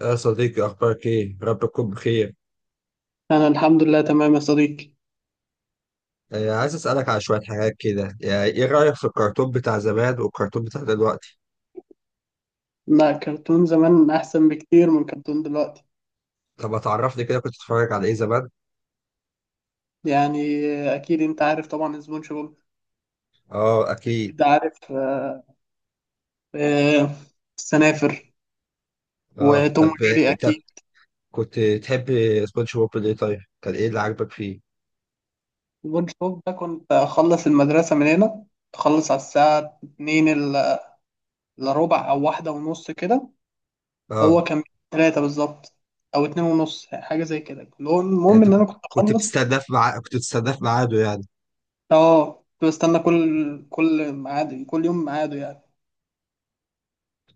يا صديقي أخبارك إيه؟ رب تكون بخير، أنا الحمد لله تمام يا صديقي. عايز أسألك على شوية حاجات كده، يعني إيه رأيك في الكرتون بتاع زمان والكرتون بتاع دلوقتي؟ لا، كرتون زمان أحسن بكتير من كرتون دلوقتي. طب ما تعرفني كده كنت بتتفرج على إيه زمان؟ يعني أكيد أنت عارف طبعا سبونج بوب. آه أكيد، أكيد عارف، آه. آه. السنافر آه وتوم طب وجيري طب أكيد. كنت تحب سبونج بوب ليه طيب؟ كان إيه اللي عاجبك فيه؟ سبونج بوب ده كنت أخلص المدرسة من هنا، تخلص على الساعة اتنين إلا ربع أو 1:30 كده. هو آه كان تلاتة بالظبط أو 2:30 حاجة زي كده، يعني المهم أنت إن أنا كنت كنت أخلص. بتستناه في ميعاد كنت بتستناه في ميعاده يعني، أه، كنت بستنى كل ميعاد، كل يوم ميعاده يعني.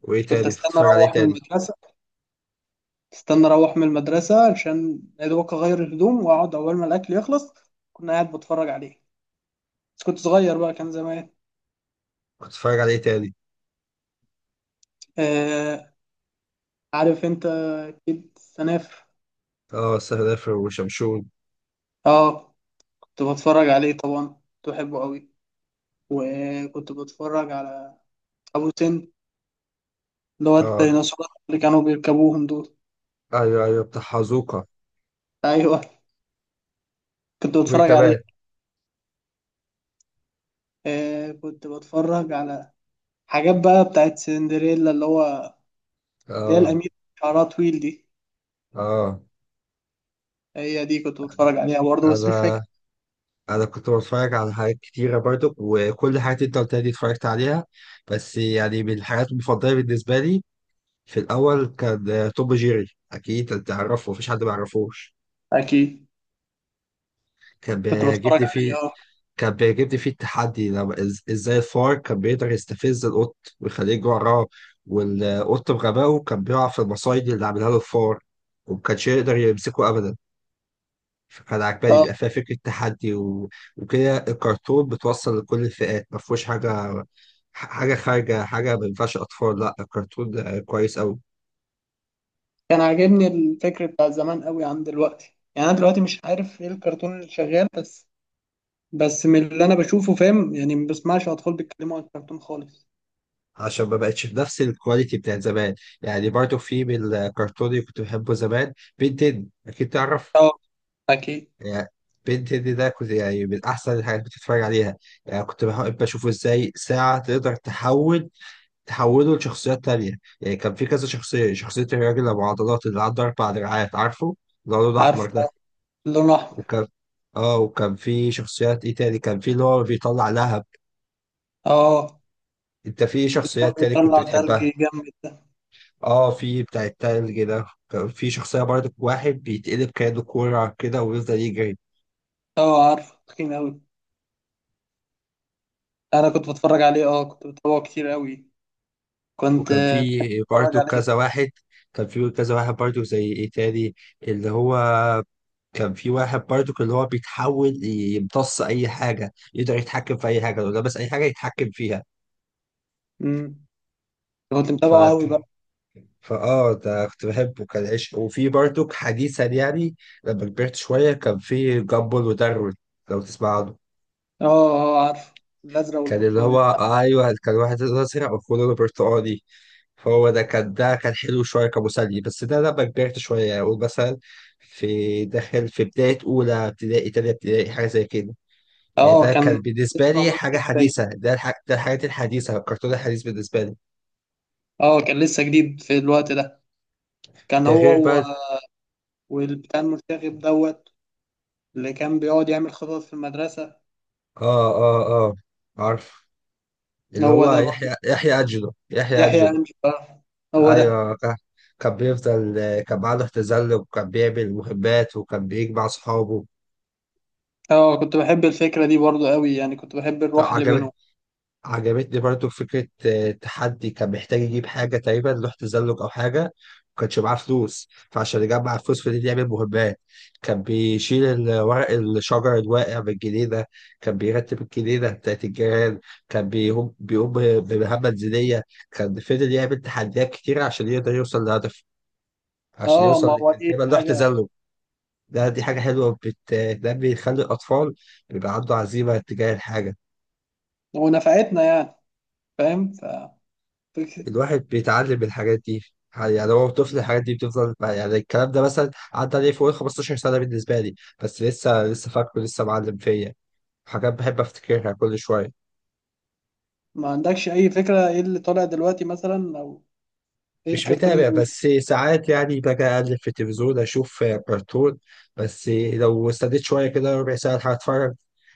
وإيه كنت تاني؟ كنت استنى بتتفرج على إيه اروح من تاني؟ المدرسه استنى اروح من المدرسه عشان يا دوبك اغير الهدوم واقعد اول ما الاكل يخلص، كنا قاعد بتفرج عليه، بس كنت صغير بقى، كان زمان. كنت بتتفرج على إيه تاني؟ آه، عارف انت اكيد آه السفر وشمشون، اه، كنت بتفرج عليه طبعا، كنت بحبه قوي. وكنت بتفرج على ابو سن، اللي هو آه الديناصورات اللي كانوا بيركبوهم دول. أيوه أيوه بتاع حزوقة، ايوه، كنت وإيه بتفرج عليه. كمان؟ آه، كنت بتفرج على حاجات بقى بتاعت سندريلا، اللي هي آه الأميرة شعرها طويل دي. آه هي دي كنت بتفرج عليها برضه، بس مش أنا فاكر. كنت بتفرج على حاجات كتيرة برضو، وكل حاجة انت قلتها دي اتفرجت عليها. بس يعني من الحاجات المفضلة بالنسبة لي في الاول كان توم جيري. اكيد انت تعرفه، مفيش حد ما يعرفوش. اكيد. كان كنت بتفرج بيعجبني عليه، فيه اه. كان بيعجبني فيه التحدي، لما ازاي الفار كان بيقدر يستفز القط ويخليه يجري وراه، والقط بغبائه كان بيقع في المصايد اللي عاملها له الفار، ومكانش يقدر يمسكه ابدا. فكان عجباني اه. بيبقى فيها فكرة تحدي وكده. الكرتون بتوصل لكل الفئات، ما فيهوش حاجة حاجة خارجة، حاجة ما ينفعش أطفال، لا الكرتون كويس أوي، كان عاجبني الفكر بتاع زمان قوي عن دلوقتي، يعني انا دلوقتي مش عارف ايه الكرتون اللي شغال، بس من اللي انا بشوفه فاهم، يعني ما بسمعش اطفال بيتكلموا عن الكرتون خالص. عشان ما بقتش بنفس الكواليتي بتاع زمان. يعني برضو في من الكرتون اللي كنت بحبه زمان بنتين، أكيد تعرف. اه. اكيد. يعني بنتين ده كنت يعني من أحسن الحاجات اللي كنت بتتفرج عليها. يعني كنت بحب أشوفه إزاي ساعة تقدر تحول، تحولوا لشخصيات تانية. يعني كان في كذا شخصية، شخصية الراجل أبو عضلات اللي عنده أربع دراعات، عارفه اللي هو لونه عارف. أحمر ده. لون احمر. وكان اه، وكان في شخصيات ايه تاني، كان في اللي هو بيطلع لهب. اه. انت في واللي كان شخصيات تاني كنت بيطلع تلج بتحبها؟ جامد ده. اه، في بتاع التلج ده، كان في شخصية برضه واحد بيتقلب كأنه كورة كده ويفضل يجري. اه عارف، تخين قوي، انا كنت بتفرج عليه، اه، كنت بتابعه كتير قوي، كنت وكان بحب في اتفرج برضه عليه. كذا واحد، كان في كذا واحد برضه زي ايه تاني، اللي هو كان في واحد برضو اللي هو بيتحول يمتص اي حاجه، يقدر يتحكم في اي حاجه، لو لابس اي حاجه يتحكم فيها. امم. كنت ف متابعه قوي بقى. فاه ده كنت بحبه، كان عشق. وفي برضو حديثا يعني، لما كبرت شويه، كان في جامبل وداروين، لو تسمع عنه. اه، اه، عارف الازرق كان اللي والبرتقاني. هو ايوه، كان واحد ازرق وكله برتقالي. فهو ده كان، ده كان حلو شويه كمسلي، بس ده لما كبرت شويه، يعني اقول مثلا في داخل، في بدايه اولى ابتدائي، تانية ابتدائي، حاجه زي كده. يعني اه، ده كان كان لسه بالنسبة لي معمول حاجة فيه زي، حديثة، ده ده الحاجات الحديثة، الكرتون الحديث بالنسبة لي. اه كان لسه جديد في الوقت ده. كان ده غير هو و... بقى والبتاع المرتغب دوت، اللي كان بيقعد يعمل خطط في المدرسة. اه اه اه، عارف، اللي هو هو ده برضه، يحيى، يحيى يحيى أجلو. أمين، آه، هو ده. أيوه، كان بيفضل، كان معاه تزلج وكان بيعمل مهمات وكان بيجمع صحابه. اه، كنت بحب الفكرة دي برضه قوي، يعني كنت بحب الروح اللي عجب... بينهم. عجبتني برضو فكرة تحدي، كان محتاج يجيب حاجة تقريبا لوح تزلج أو حاجة، ما كانش معاه فلوس، فعشان يجمع فلوس فضل يعمل مهمات. كان بيشيل ورق الشجر الواقع من الجنينة، كان بيرتب الجنينة بتاعت الجيران، كان بيقوم بمهمة منزلية. كان فضل يعمل تحديات كتيرة عشان يقدر يوصل لهدفه، عشان اه، ما يوصل هو كان دي تقريبا لوح حاجة تزلج. دي حاجة حلوة، بتنمي، تخلي الأطفال بيبقى عنده عزيمة تجاه الحاجة. ونفعتنا يعني. فاهم. فك- الواحد بيتعلم من الحاجات دي، يعني هو طفل الحاجات دي بتفضل. يعني الكلام ده مثلا عدى عليه فوق ال 15 سنة بالنسبة لي، بس لسه، فاكره، لسه معلم فيا. حاجات بحب افتكرها كل شوية. ما عندكش أي فكرة ايه اللي طالع دلوقتي مثلا، أو ايه مش بتابع، الكرتون. بس ساعات يعني باجي أقلب في التلفزيون أشوف كرتون. بس لو استديت شوية كده ربع ساعة هتفرج،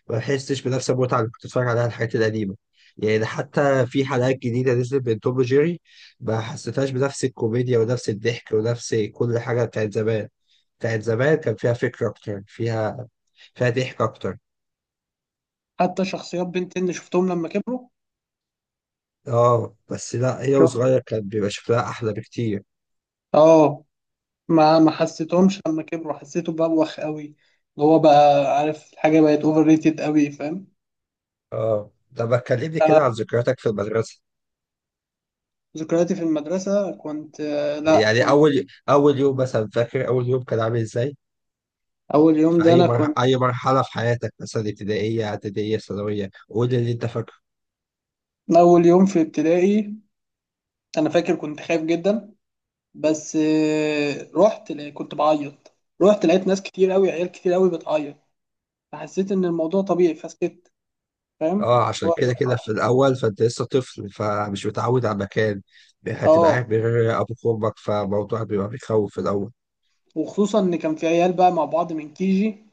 ما بحسش بنفس المتعة اللي كنت بتفرج عليها الحاجات القديمة. يعني حتى في حلقات جديدة نزلت من توم وجيري، ما حسيتهاش بنفس الكوميديا ونفس الضحك ونفس كل حاجة بتاعت زمان. بتاعت زمان كان فيها فكرة أكتر، فيها فيها ضحك أكتر. حتى شخصيات بنتين اللي شفتهم لما كبروا. اه بس لا، هي وصغير كان بيبقى شكلها أحلى بكتير. اه، ما حسيتهمش لما كبروا، حسيته بوخ قوي، اللي هو بقى عارف الحاجه بقت اوفر ريتد قوي، فاهم. اه، طب ما تكلمني أنا كده عن ذكرياتك في المدرسة. ذكرياتي في المدرسه، كنت آه، لا يعني كنت اول، يوم مثلا، فاكر اول يوم كان عامل ازاي؟ اول يوم في ده اي انا كنت مرحله، في حياتك، مثلا ابتدائيه، اعداديه، ثانويه، قول لي اللي انت فاكره. اول يوم في ابتدائي انا فاكر كنت خايف جدا، بس آه، رحت لا- كنت بعيط. رحت لقيت ناس كتير قوي، عيال كتير قوي بتعيط، فحسيت ان الموضوع طبيعي فسكت. فاهم اه، عشان هو كده إيه؟ كده في الاول، فانت لسه طفل، فمش متعود على مكان، هتبقى قاعد اه، من غير ابوك وامك، فالموضوع بيبقى بيخوف في الاول. وخصوصا ان كان في عيال بقى مع بعض من كيجي،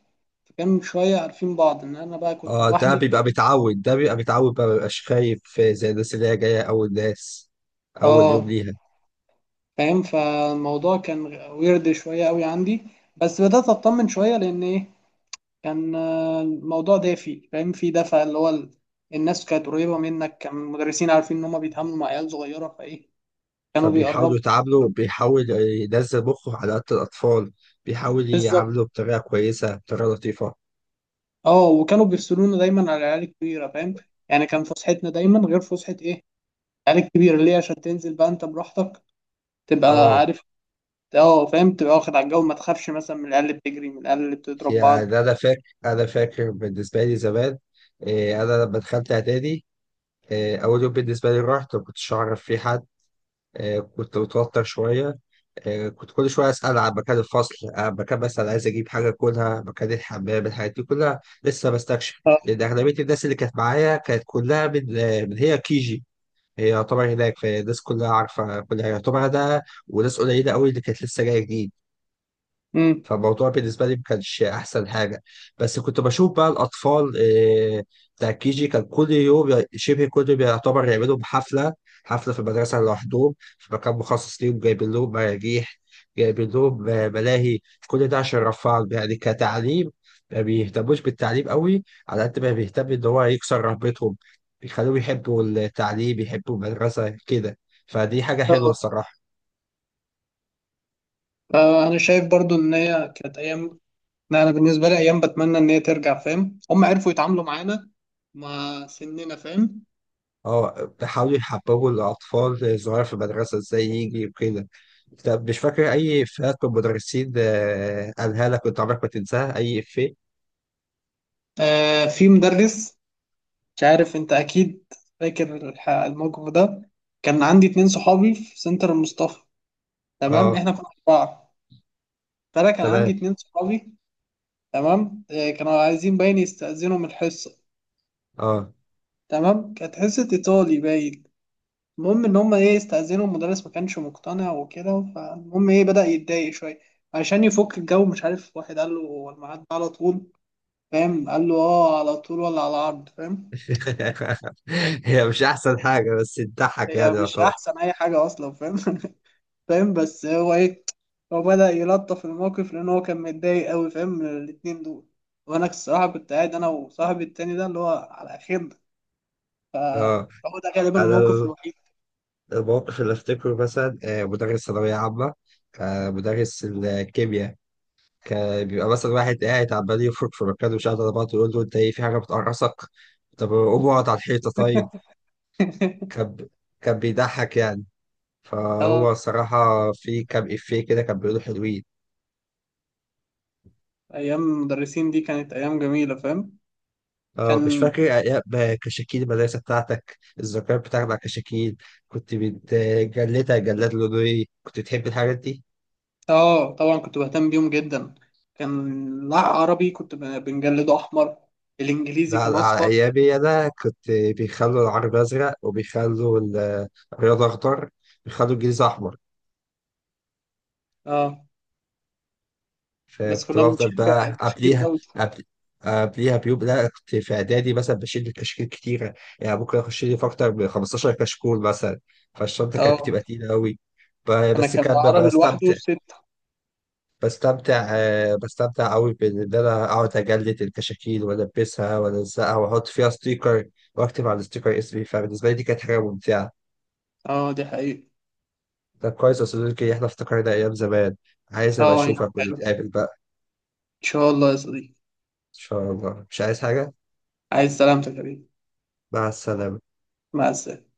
فكان شويه عارفين بعض ان انا بقى كنت اه، ده لوحدي. بيبقى متعود، بقى مبيبقاش خايف زي الناس اللي هي جايه اول ناس اول يوم اه، ليها. فاهم، فالموضوع كان ويرد شويه قوي عندي، بس بدات اطمن شويه لان ايه، كان الموضوع دافي، فاهم، في دفع، اللي هو الناس كانت قريبه منك، كان المدرسين عارفين ان هم بيتعاملوا مع عيال صغيره فايه كانوا بيقربوا. فبيحاولوا يتعاملوا، بيحاول ينزل مخه على قد الأطفال، بيحاول بالظبط. يعامله بطريقة كويسة، بطريقة لطيفة. اه، وكانوا بيفصلونا دايما على العيال الكبيره، فاهم، يعني كان فسحتنا دايما غير فسحه ايه العيال الكبيره، ليه؟ عشان تنزل بقى انت براحتك، تبقى اه، عارف، اه فاهم، تبقى واخد على الجو، ما تخافش مثلا من العيال اللي بتجري، من العيال اللي بتضرب بعض. يعني أنا فاكر، بالنسبة لي زمان، أنا لما دخلت إعدادي، أول يوم بالنسبة لي رحت ما كنتش أعرف فيه حد، كنت متوتر شوية، كنت كل شوية أسأل عن مكان الفصل، عن مكان مثلا عايز أجيب حاجة أكلها، مكان الحمام، الحاجات دي كلها لسه بستكشف، اه. لأن أغلبية الناس اللي كانت معايا كانت كلها من من هي كيجي. هي يعتبر هناك، فالناس كلها عارفة كل حاجة يعتبر ده، وناس قليلة قوي اللي كانت لسه جاية جديد. امم. فالموضوع بالنسبة لي ما كانش أحسن حاجة. بس كنت بشوف بقى الأطفال آه، بتاع كي جي، كان كل يوم شبه كل يوم يعتبر يعملوا حفلة، حفلة في المدرسة لوحدهم في مكان مخصص ليهم، جايبين لهم مراجيح، جايبين لهم ملاهي، كل ده عشان يرفعهم يعني كتعليم. ما بيهتموش بالتعليم قوي على قد ما بيهتم إن هو يكسر رهبتهم، بيخلوهم يحبوا التعليم، يحبوا المدرسة كده. فدي حاجة حلوة الصراحة. آه، انا شايف برضو ان هي كانت ايام، لا، انا بالنسبه لي ايام بتمنى ان هي ترجع، فاهم هم عرفوا يتعاملوا معانا مع سننا، فاهم. اه بيحاولوا يحببوا الأطفال الصغيرة في المدرسة، ازاي يجري وكده. طب مش فاكر أي إفيهات من المدرسين قالها لك كنت عمرك ما تنساها؟ أي إفيه؟ آه، في مدرس، مش عارف انت اكيد فاكر الموقف ده. كان عندي اتنين صحابي في سنتر المصطفى، تمام، اه احنا كنا اربعه، فانا كان عندي تمام. اتنين صحابي. تمام، آه، كانوا عايزين باين يستأذنوا من الحصه. اه تمام، كانت حصه ايطالي باين، المهم ان هم ايه استأذنوا المدرس ما كانش مقتنع وكده، فالمهم ايه بدأ يتضايق شويه، عشان يفك الجو، مش عارف، واحد قال له هو الميعاد ده على طول؟ فاهم قال له، اه على طول ولا على عرض، فاهم؟ هي مش أحسن حاجة بس تضحك يعني هي مش يعتبر. احسن اي حاجه اصلا، فاهم فاهم، بس هو ايه، هو بدأ يلطف الموقف، لان هو كان متضايق قوي، فاهم، من الاتنين دول، وانا الصراحه كنت قاعد انا وصاحبي التاني ده اللي هو على خير، ف- اه، فهو ده غالبا أنا الموقف الوحيد الموقف اللي أفتكره مثلا مدرس ثانوية عامة، مدرس الكيمياء، كان بيبقى مثلا واحد قاعد عمال يفرك في مكانه مش قادر، بعض يقول له أنت إيه، في حاجة بتقرصك؟ طب قوم اقعد على الحيطة طيب. كان كان بيضحك يعني. اه، فهو صراحة في كام إفيه كده كان بيقولوا حلوين. ايام المدرسين دي كانت ايام جميله، فاهم. اه مش كان فاكر أيام كشاكيل المدرسة بتاعتك؟ الذكريات بتاعتك مع كشاكيل، كنت بتجلدها جلاد لونه إيه؟ كنت بتحب الحاجات دي؟ اه طبعا كنت بهتم بيهم جدا. كان العربي كنت بنجلده احمر، الانجليزي لا كان لا، على اصفر. أيامي أنا كنت بيخلوا العربي أزرق، وبيخلوا الرياضة أخضر، بيخلوا الجيزة أحمر. اه، بس فكنت كنا بفضل بنشيل بقى كشكيل قبليها، قوي. قبل قبليها بيوم. لا كنت في اعدادي مثلا بشيل كشاكيل كتيره، يعني ممكن اخش لي في اكتر من 15 كشكول مثلا، فالشنطه كانت اه، بتبقى تقيله قوي. انا بس كان كان ببقى العربي لوحده استمتع، ستة. بستمتع قوي، بان انا اقعد اجلد الكشاكيل والبسها والزقها واحط فيها ستيكر، واكتب على الستيكر اسمي. فبالنسبه لي دي كانت حاجه ممتعه. اه دي حقيقة. طب كويس يا صديقي، احنا افتكرنا ايام زمان، عايز ابقى اه يا اشوفك حلو، ان ونتقابل بقى. شاء الله يا صديقي. ان شاء الله، مش عايز حاجه. عايز سلامتك يا حبيبي. مع السلامه. مع السلامة.